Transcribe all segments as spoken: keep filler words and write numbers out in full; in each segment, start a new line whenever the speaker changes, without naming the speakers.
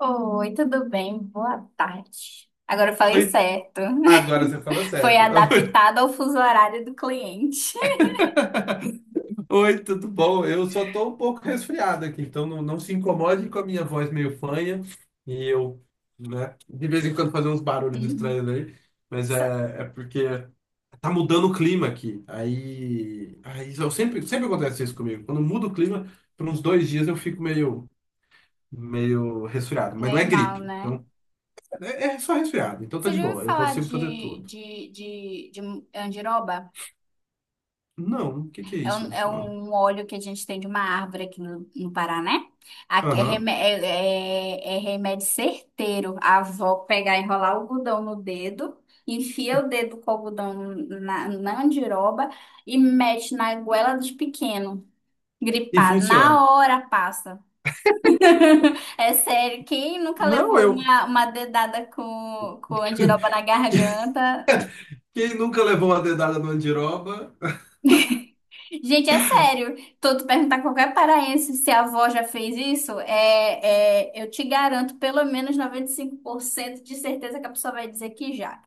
Oi, tudo bem? Boa tarde. Agora eu falei
Oi,
certo.
agora você fala
Foi
certo.
adaptado ao fuso horário do cliente.
Oi, tudo bom? Eu só tô um pouco resfriado aqui, então não, não se incomode com a minha voz meio fanha e eu, né, de vez em quando fazer uns barulhos
Hum.
estranhos aí, mas
Só-
é, é porque tá mudando o clima aqui. Aí, aí eu sempre, sempre acontece isso comigo. Quando muda o clima, por uns dois dias eu fico meio, meio resfriado, mas não
Meio
é
mal,
gripe,
né?
então é, é só resfriado, então tá
Você
de
já ouviu
boa, eu
falar
consigo fazer
de,
tudo.
de, de, de andiroba?
Não, o que que é
É um,
isso?
é
Ó,
um óleo que a gente tem de uma árvore aqui no, no Paraná. Aqui é,
aham.
remé- é- é- é remédio certeiro. A avó pegar, enrolar o algodão no dedo, enfia o dedo com o algodão na, na andiroba e mete na goela de pequeno,
E
gripado.
funciona.
Na hora passa. É sério, quem nunca
Não,
levou
eu.
uma, uma dedada com, com andiroba na garganta.
Quem nunca levou uma dedada no andiroba?
Gente, é sério. Tô tu perguntar a qualquer paraense se a avó já fez isso, é, é, eu te garanto pelo menos noventa e cinco por cento de certeza que a pessoa vai dizer que já.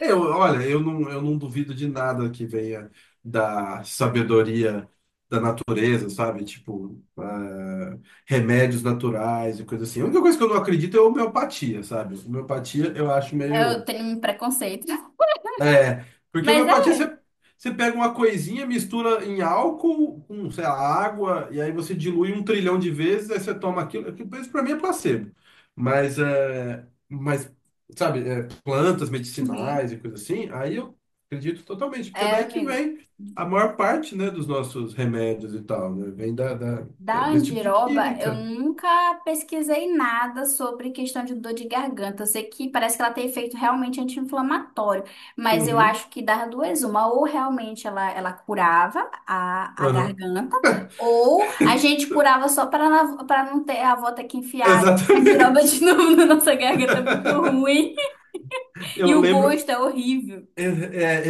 Eu, olha, eu não, eu não duvido de nada que venha da sabedoria da natureza, sabe? Tipo, ah, remédios naturais e coisa assim. A única coisa que eu não acredito é homeopatia, sabe? Homeopatia eu acho
Eu
meio.
tenho um preconceito.
É, porque
Mas
homeopatia
é.
você, você pega uma coisinha, mistura em álcool com, sei lá, água, e aí você dilui um trilhão de vezes, aí você toma aquilo. aquilo- Isso pra mim é placebo. Mas, é, mas sabe, é, plantas
Uhum.
medicinais e coisa assim, aí eu acredito totalmente, porque é
É,
daí que
amigo.
vem a maior parte, né, dos nossos remédios e tal, né? Vem da, da-
Da
desse tipo de
andiroba, eu
química.
nunca pesquisei nada sobre questão de dor de garganta. Eu sei que parece que ela tem efeito realmente anti-inflamatório, mas eu
Uhum,
acho que das duas, uma, ou realmente ela, ela curava a, a
aham.
garganta, ou a gente curava só para para não ter a avó ter que enfiar a andiroba
Exatamente.
de novo na nossa garganta, é muito ruim, e
Eu
o
lembro,
gosto é horrível.
é,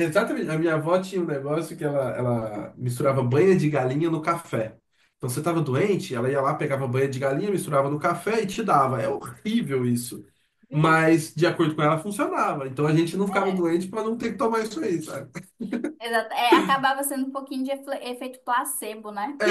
é, exatamente. A minha avó tinha um negócio que ela, ela misturava banha de galinha no café. Então você estava doente, ela ia lá, pegava banha de galinha, misturava no café e te dava. É horrível isso.
Hum.
Mas, de acordo com ela, funcionava. Então a gente não ficava
É,
doente para não ter que tomar isso aí, sabe?
exato. É, acabava sendo um pouquinho de efe- efeito placebo, né?
É,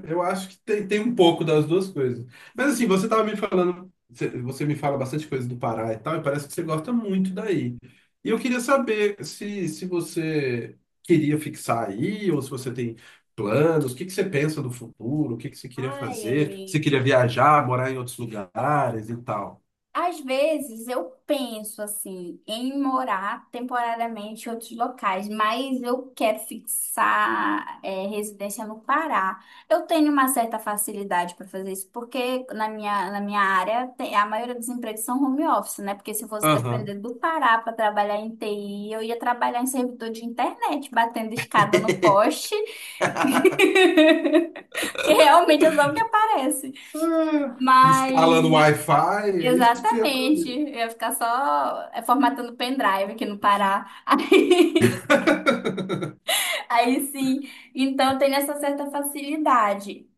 é, eu acho que tem, tem um pouco das duas coisas. Mas assim, você tava me falando, você você me fala bastante coisa do Pará e tal, e parece que você gosta muito daí. E eu queria saber se, se você queria fixar aí, ou se você tem planos, o que que você pensa do futuro, o que que você queria
Ai,
fazer, se você queria
amigo.
viajar, morar em outros lugares e tal.
Às vezes eu penso assim em morar temporariamente em outros locais, mas eu quero fixar é, residência no Pará. Eu tenho uma certa facilidade para fazer isso, porque na minha, na minha área tem- a maioria dos empregos são home office, né? Porque se eu fosse
Aham.
depender do Pará para trabalhar em T I, eu ia trabalhar em servidor de internet, batendo escada no poste, que realmente é só o que aparece.
Ah,
Mas
instalando Wi-Fi, é isso que você ia
Exatamente.
fazer.
Eu ia ficar só é, formatando pendrive aqui no Pará. Aí, aí sim. Então tem essa certa facilidade.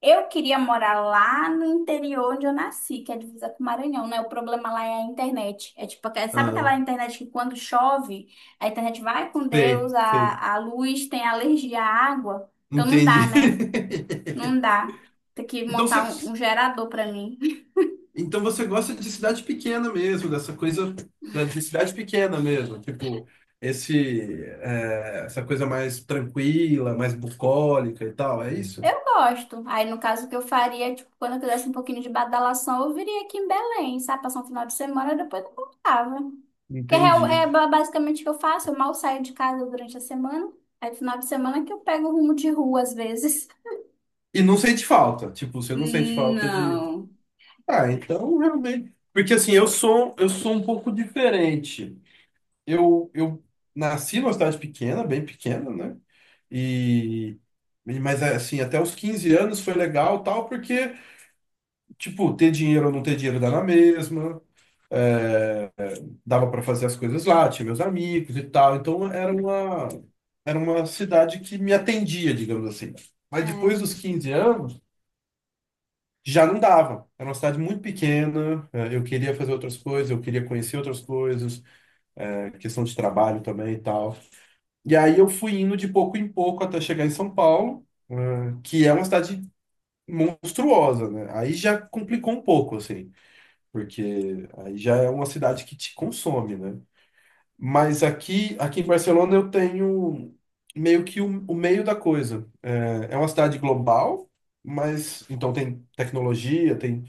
Eu queria morar lá no interior onde eu nasci, que é a divisa com o Maranhão, né? O problema lá é a internet. É tipo, aquela- sabe aquela
Ah,
internet que quando chove, a internet vai com
sei,
Deus,
sei.
a, a luz tem alergia à água. Então não dá,
Entendi.
né? Não dá. Tem que
Então você,
montar um, um gerador pra mim.
então você gosta de cidade pequena mesmo, dessa coisa da- de cidade pequena mesmo, tipo esse é, essa coisa mais tranquila, mais bucólica e tal, é isso?
Eu gosto. Aí, no caso, o que eu faria, tipo, quando eu quisesse um pouquinho de badalação, eu viria aqui em Belém, sabe? Passar um final de semana, depois eu voltava. Porque é, real- é
Entendi.
ba- basicamente o que eu faço, eu mal saio de casa durante a semana. Aí, no final de semana, que eu pego o rumo de rua, às vezes.
E não sente falta, tipo, você não sente falta de.
Não.
Ah, então realmente. Porque assim, eu sou eu sou um pouco diferente. Eu eu nasci numa cidade pequena, bem pequena, né? E e- mas assim, até os quinze anos foi legal, tal, porque tipo, ter dinheiro ou não ter dinheiro dá na mesma, dava para fazer as coisas lá, tinha meus amigos e tal, então era uma, era uma cidade que me atendia, digamos assim. Mas depois
É,
dos quinze anos, já não dava. Era uma cidade muito pequena, eh, eu queria fazer outras coisas, eu queria conhecer outras coisas, eh, questão de trabalho também e tal. E aí eu fui indo de pouco em pouco até chegar em São Paulo, eh, que é uma cidade monstruosa, né? Aí já complicou um pouco, assim. Porque aí já é uma cidade que te consome, né? Mas aqui, aqui em Barcelona eu tenho meio que o, o meio da coisa. É, é uma cidade global, mas então tem tecnologia, tem,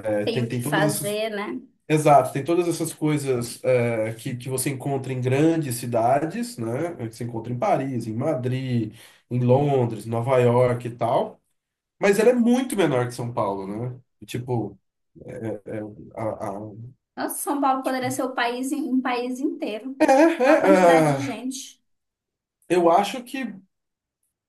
é,
tenho
tem,
o que
tem todas essas.
fazer, né?
Exato, tem todas essas coisas é, que, que você encontra em grandes cidades, né? É, Que você encontra em Paris, em Madrid, em Londres, Nova York e tal. Mas ela é muito menor que São Paulo, né? Tipo, é, a, a-
Nossa, São Paulo poderia ser o país, em- um país inteiro.
é,
Olha a
é,
quantidade de
é,
gente.
eu acho que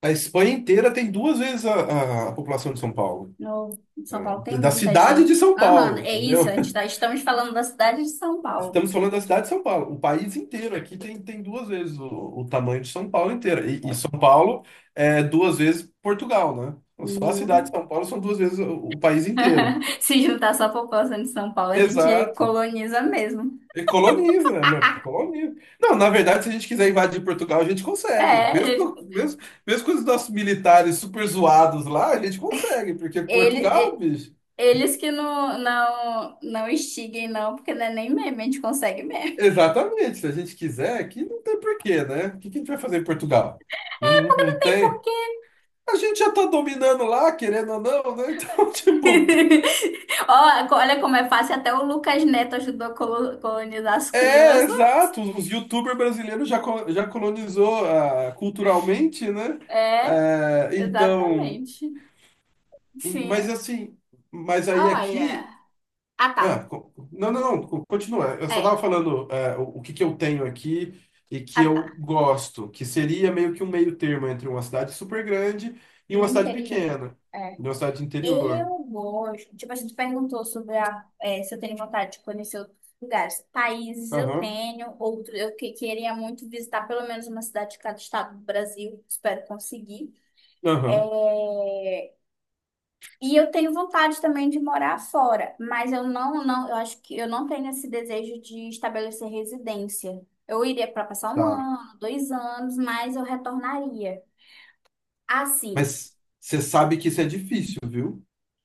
a Espanha inteira tem duas vezes a, a população de São Paulo.
No São Paulo
É,
tem
da
muita
cidade
gente.
de São
Aham,
Paulo,
é isso,
entendeu?
a gente tá, estamos falando da cidade de São Paulo.
Estamos falando da cidade de São Paulo. O país inteiro aqui tem, tem duas vezes o, o tamanho de São Paulo inteira. E, e São
É.
Paulo é duas vezes Portugal, né? Só a cidade de
Uhum.
São Paulo são duas vezes o, o país inteiro.
Se juntar só a população de São Paulo, a gente
Exato.
coloniza mesmo.
E coloniza, né? Meu? Coloniza. Não, na verdade, se a gente quiser invadir Portugal, a gente consegue. Mesmo,
É,
com- mesmo, mesmo com os nossos militares super zoados lá, a gente consegue, porque
ele,
Portugal,
e-
bicho.
eles que não, não, não instiguem, não, porque não é nem meme, a gente consegue meme.
Exatamente. Se a gente quiser, aqui não tem porquê, né? O que que a gente vai fazer em Portugal? Não, não não
Tem
tem.
porquê.
A gente já tá dominando lá, querendo ou não, né? Então, tipo,
Ó, olha como é fácil, até o Lucas Neto ajudou a colo- colonizar as
é,
crianças.
exato. Os YouTubers brasileiros já, co- já colonizou ah, culturalmente, né?
É,
É, então.
exatamente.
E- mas
Sim,
assim, mas aí aqui.
olha. Ah,
Ah,
tá.
co- não, não, não, co- continua. Eu só
É,
estava falando é, o, o que que eu tenho aqui e que
ah, tá.
eu gosto, que seria meio que um meio termo entre uma cidade super grande e
E o
uma cidade
interior?
pequena,
É.
e uma cidade interior.
Eu gosto. Tipo, a gente perguntou sobre a, eh, se eu tenho vontade de conhecer outros lugares. Países eu
Aham,
tenho, outro eu que queria muito visitar pelo menos uma cidade de cada estado do Brasil. Espero conseguir.
aham,
É, e eu tenho vontade também de morar fora, mas eu não, não, eu acho que eu não tenho esse desejo de estabelecer residência. Eu iria para passar um
tá.
ano, dois anos, mas eu retornaria. Assim,
Mas você sabe que isso é difícil, viu?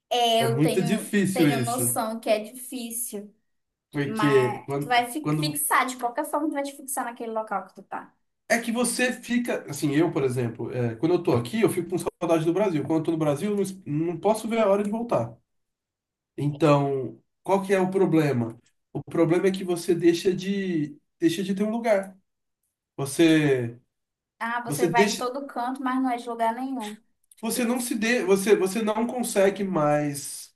é,
É
eu
muito
tenho,
difícil
tenho
isso.
noção que é difícil.
Porque
Mas tu
quando,
vai fi-
quando
fixar, de qualquer forma, tu vai te fixar naquele local que tu tá.
é que você fica, assim, eu, por exemplo, é, quando eu tô aqui, eu fico com saudade do Brasil. Quando eu tô no Brasil, eu não, es- não posso ver a hora de voltar. Então, qual que é o problema? O problema é que você deixa de, deixa de ter um lugar. Você,
Ah,
você
você vai em
deixa,
todo canto, mas não é de lugar nenhum.
você não se
Isso.
dê, você, você não consegue mais.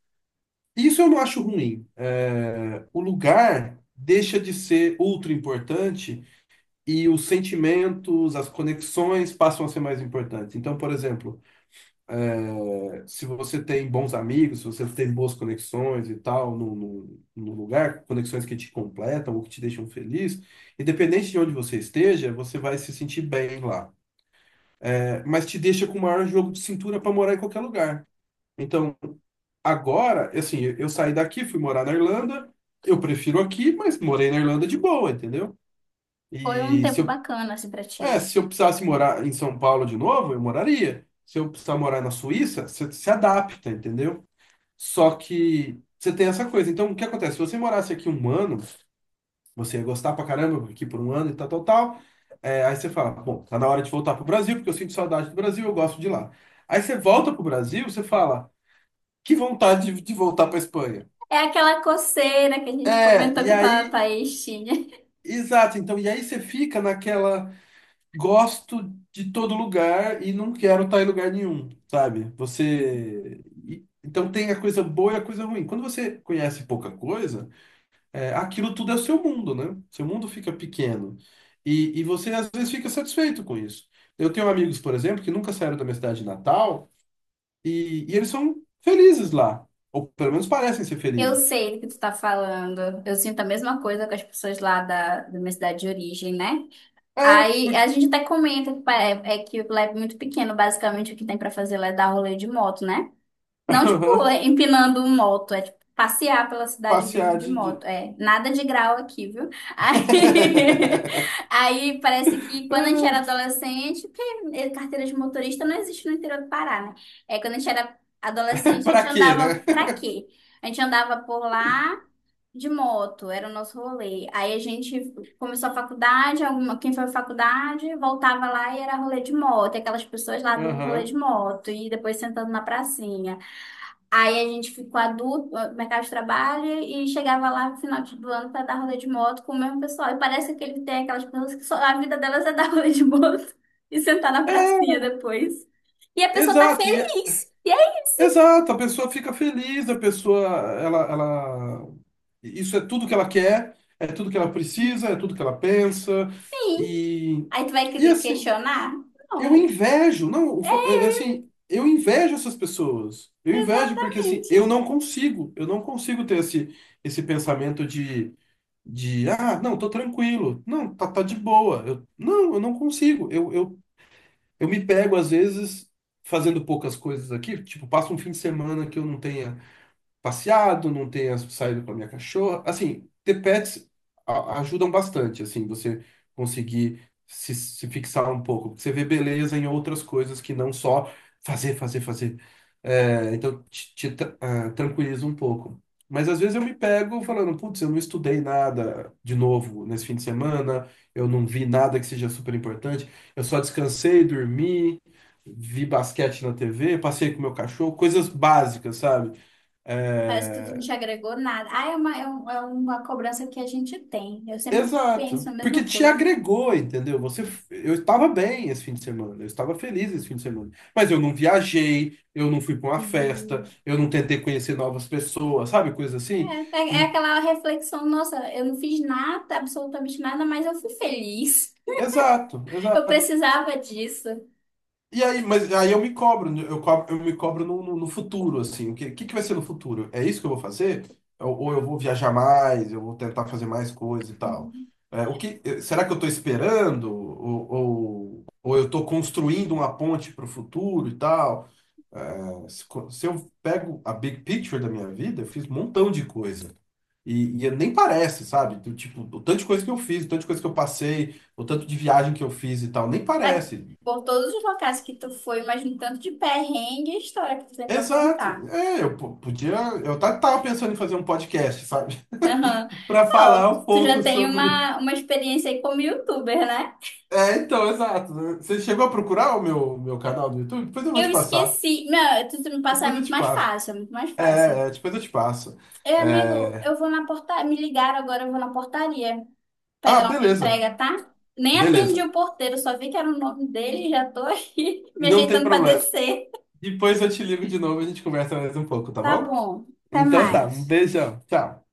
Isso eu não acho ruim. É, o lugar deixa de ser ultra importante e os sentimentos, as conexões passam a ser mais importantes. Então, por exemplo, é, se você tem bons amigos, se você tem boas conexões e tal no, no, no lugar, conexões que te completam ou que te deixam feliz, independente de onde você esteja, você vai se sentir bem lá. É, mas te deixa com o maior jogo de cintura para morar em qualquer lugar. Então, agora, assim, eu eu saí daqui, fui morar na Irlanda, eu prefiro aqui, mas morei na Irlanda de boa, entendeu?
Foi um
E se
tempo
eu,
bacana, assim, pra ti.
é, se eu precisasse morar em São Paulo de novo, eu moraria. Se eu precisar morar na Suíça, você se adapta, entendeu? Só que você tem essa coisa. Então, o que acontece? Se você morasse aqui um ano, você ia gostar pra caramba aqui por um ano e tal, tal, tal. É, aí você fala, bom, tá na hora de voltar pro Brasil, porque eu sinto saudade do Brasil, eu gosto de lá. Aí você volta pro Brasil, você fala, que vontade de, de voltar pra Espanha.
É aquela coceira que a gente
É,
comentou
e
que tá,
aí,
Thaís tinha.
exato. Então, e aí você fica naquela, gosto de todo lugar e não quero estar em lugar nenhum, sabe? Você. E- Então tem a coisa boa e a coisa ruim. Quando você conhece pouca coisa. É, aquilo tudo é seu mundo, né? Seu mundo fica pequeno. E, e você, às vezes, fica satisfeito com isso. Eu tenho amigos, por exemplo, que nunca saíram da minha cidade natal e, e eles são felizes lá. Ou pelo menos parecem ser
Eu
felizes.
sei do que tu tá falando. Eu sinto a mesma coisa com as pessoas lá da, da minha cidade de origem, né?
É,
Aí a
porque.
gente até comenta que pa- é, é que lá é muito pequeno, basicamente o que tem pra fazer lá é dar rolê de moto, né? Não, tipo,
Aham,
é, empinando um moto, é tipo passear pela cidade mesmo
passear
de
de.
moto.
De-
É, nada de grau aqui, viu? Aí, aí parece que quando a gente era
Ah,
adolescente, porque é, carteira de motorista não existe no interior do Pará, né? É, quando a gente era adolescente, a
pra
gente
quê, né?
andava pra quê? A gente andava por lá de moto, era o nosso rolê. Aí a gente começou a faculdade, alguma, quem foi à faculdade voltava lá e era rolê de moto, e aquelas pessoas lá dando rolê
Aham.
de moto, e depois sentando na pracinha. Aí a gente ficou adulto, no mercado de trabalho, e chegava lá no final do ano para dar rolê de moto com o mesmo pessoal. E parece que ele tem aquelas pessoas que só, a vida delas é dar rolê de moto e sentar na
É,
pracinha depois. E a pessoa tá
exato. E,
feliz. E é isso,
exato, a pessoa fica feliz, a pessoa, ela, ela, isso é tudo que ela quer, é tudo que ela precisa, é tudo que ela pensa,
sim.
e,
Aí tu vai
e
que-
assim,
questionar?
eu
Não,
invejo, não, o fa- é, é assim, eu invejo essas pessoas, eu invejo porque, assim,
exatamente.
eu não consigo, eu não consigo ter esse, esse pensamento de, de, ah, não, tô tranquilo, não, tá, tá de boa, eu, não, eu não consigo, eu, eu eu me pego, às vezes, fazendo poucas coisas aqui, tipo, passo um fim de semana que eu não tenha passeado, não tenha saído com a minha cachorra. Assim, ter pets a- ajudam bastante, assim, você conseguir se, se fixar um pouco. Porque você vê beleza em outras coisas que não só fazer, fazer, fazer. É, então, te, te tra- ah, tranquiliza um pouco. Mas às vezes eu me pego falando, putz, eu não estudei nada de novo nesse fim de semana, eu não vi nada que seja super importante, eu só descansei, dormi, vi basquete na T V, passei com meu cachorro, coisas básicas, sabe?
Parece que tu não
É,
te agregou nada. Ah, é uma, é um- é uma cobrança que a gente tem. Eu sempre penso
exato,
a mesma
porque te
coisa.
agregou, entendeu? Você, eu estava bem esse fim de semana, eu estava feliz esse fim de semana, mas eu não viajei, eu não fui para uma festa, eu não tentei conhecer novas pessoas, sabe? Coisa assim.
É, é é
E-
aquela reflexão, nossa, eu não fiz nada, absolutamente nada, mas eu fui feliz.
exato,
Eu
exato.
precisava disso.
E aí, mas aí eu me cobro, né? eu cobro, eu me cobro no, no, no futuro, assim, o que, que, que vai ser no futuro? É isso que eu vou fazer? Ou, ou eu vou viajar mais, eu vou tentar fazer mais coisas e tal?
Uhum.
É, o que, eh, será que eu estou esperando? Ou, ou, ou eu estou construindo uma ponte para o futuro e tal? É, se, co- se eu pego a big picture da minha vida, eu fiz um montão de coisa. E, e nem parece, sabe? Do tipo, o tanto de coisa que eu fiz, o tanto de coisa que eu passei, o tanto de viagem que eu fiz e tal, nem
É,
parece.
por todos os locais que tu foi, mas um tanto de perrengue e história que tu tem pra
Exato.
contar.
É, eu po- podia. Eu tá- tava pensando em fazer um podcast, sabe?
Né? Aham.
Pra falar
Ó,
um
tu já
pouco
tem
sobre.
uma, uma experiência aí como youtuber, né?
É, então, exato. Você chegou a procurar o meu, meu canal do YouTube? Depois eu vou
Eu
te passar.
esqueci. Não, tu, tu me passar é
Depois eu
muito
te
mais
passo.
fácil, é muito mais
É,
fácil.
é, depois eu te passo.
É amigo,
É...
eu vou na portaria. Me ligaram agora, eu vou na portaria
Ah,
pegar uma
beleza.
entrega, tá? Nem atendi
Beleza.
o porteiro, só vi que era o nome dele e já tô aqui me
Não tem
ajeitando pra
problema.
descer.
Depois eu te ligo de novo e a gente conversa mais um pouco, tá
Tá
bom?
bom, até
Então tá. Um
mais.
beijão. Tchau.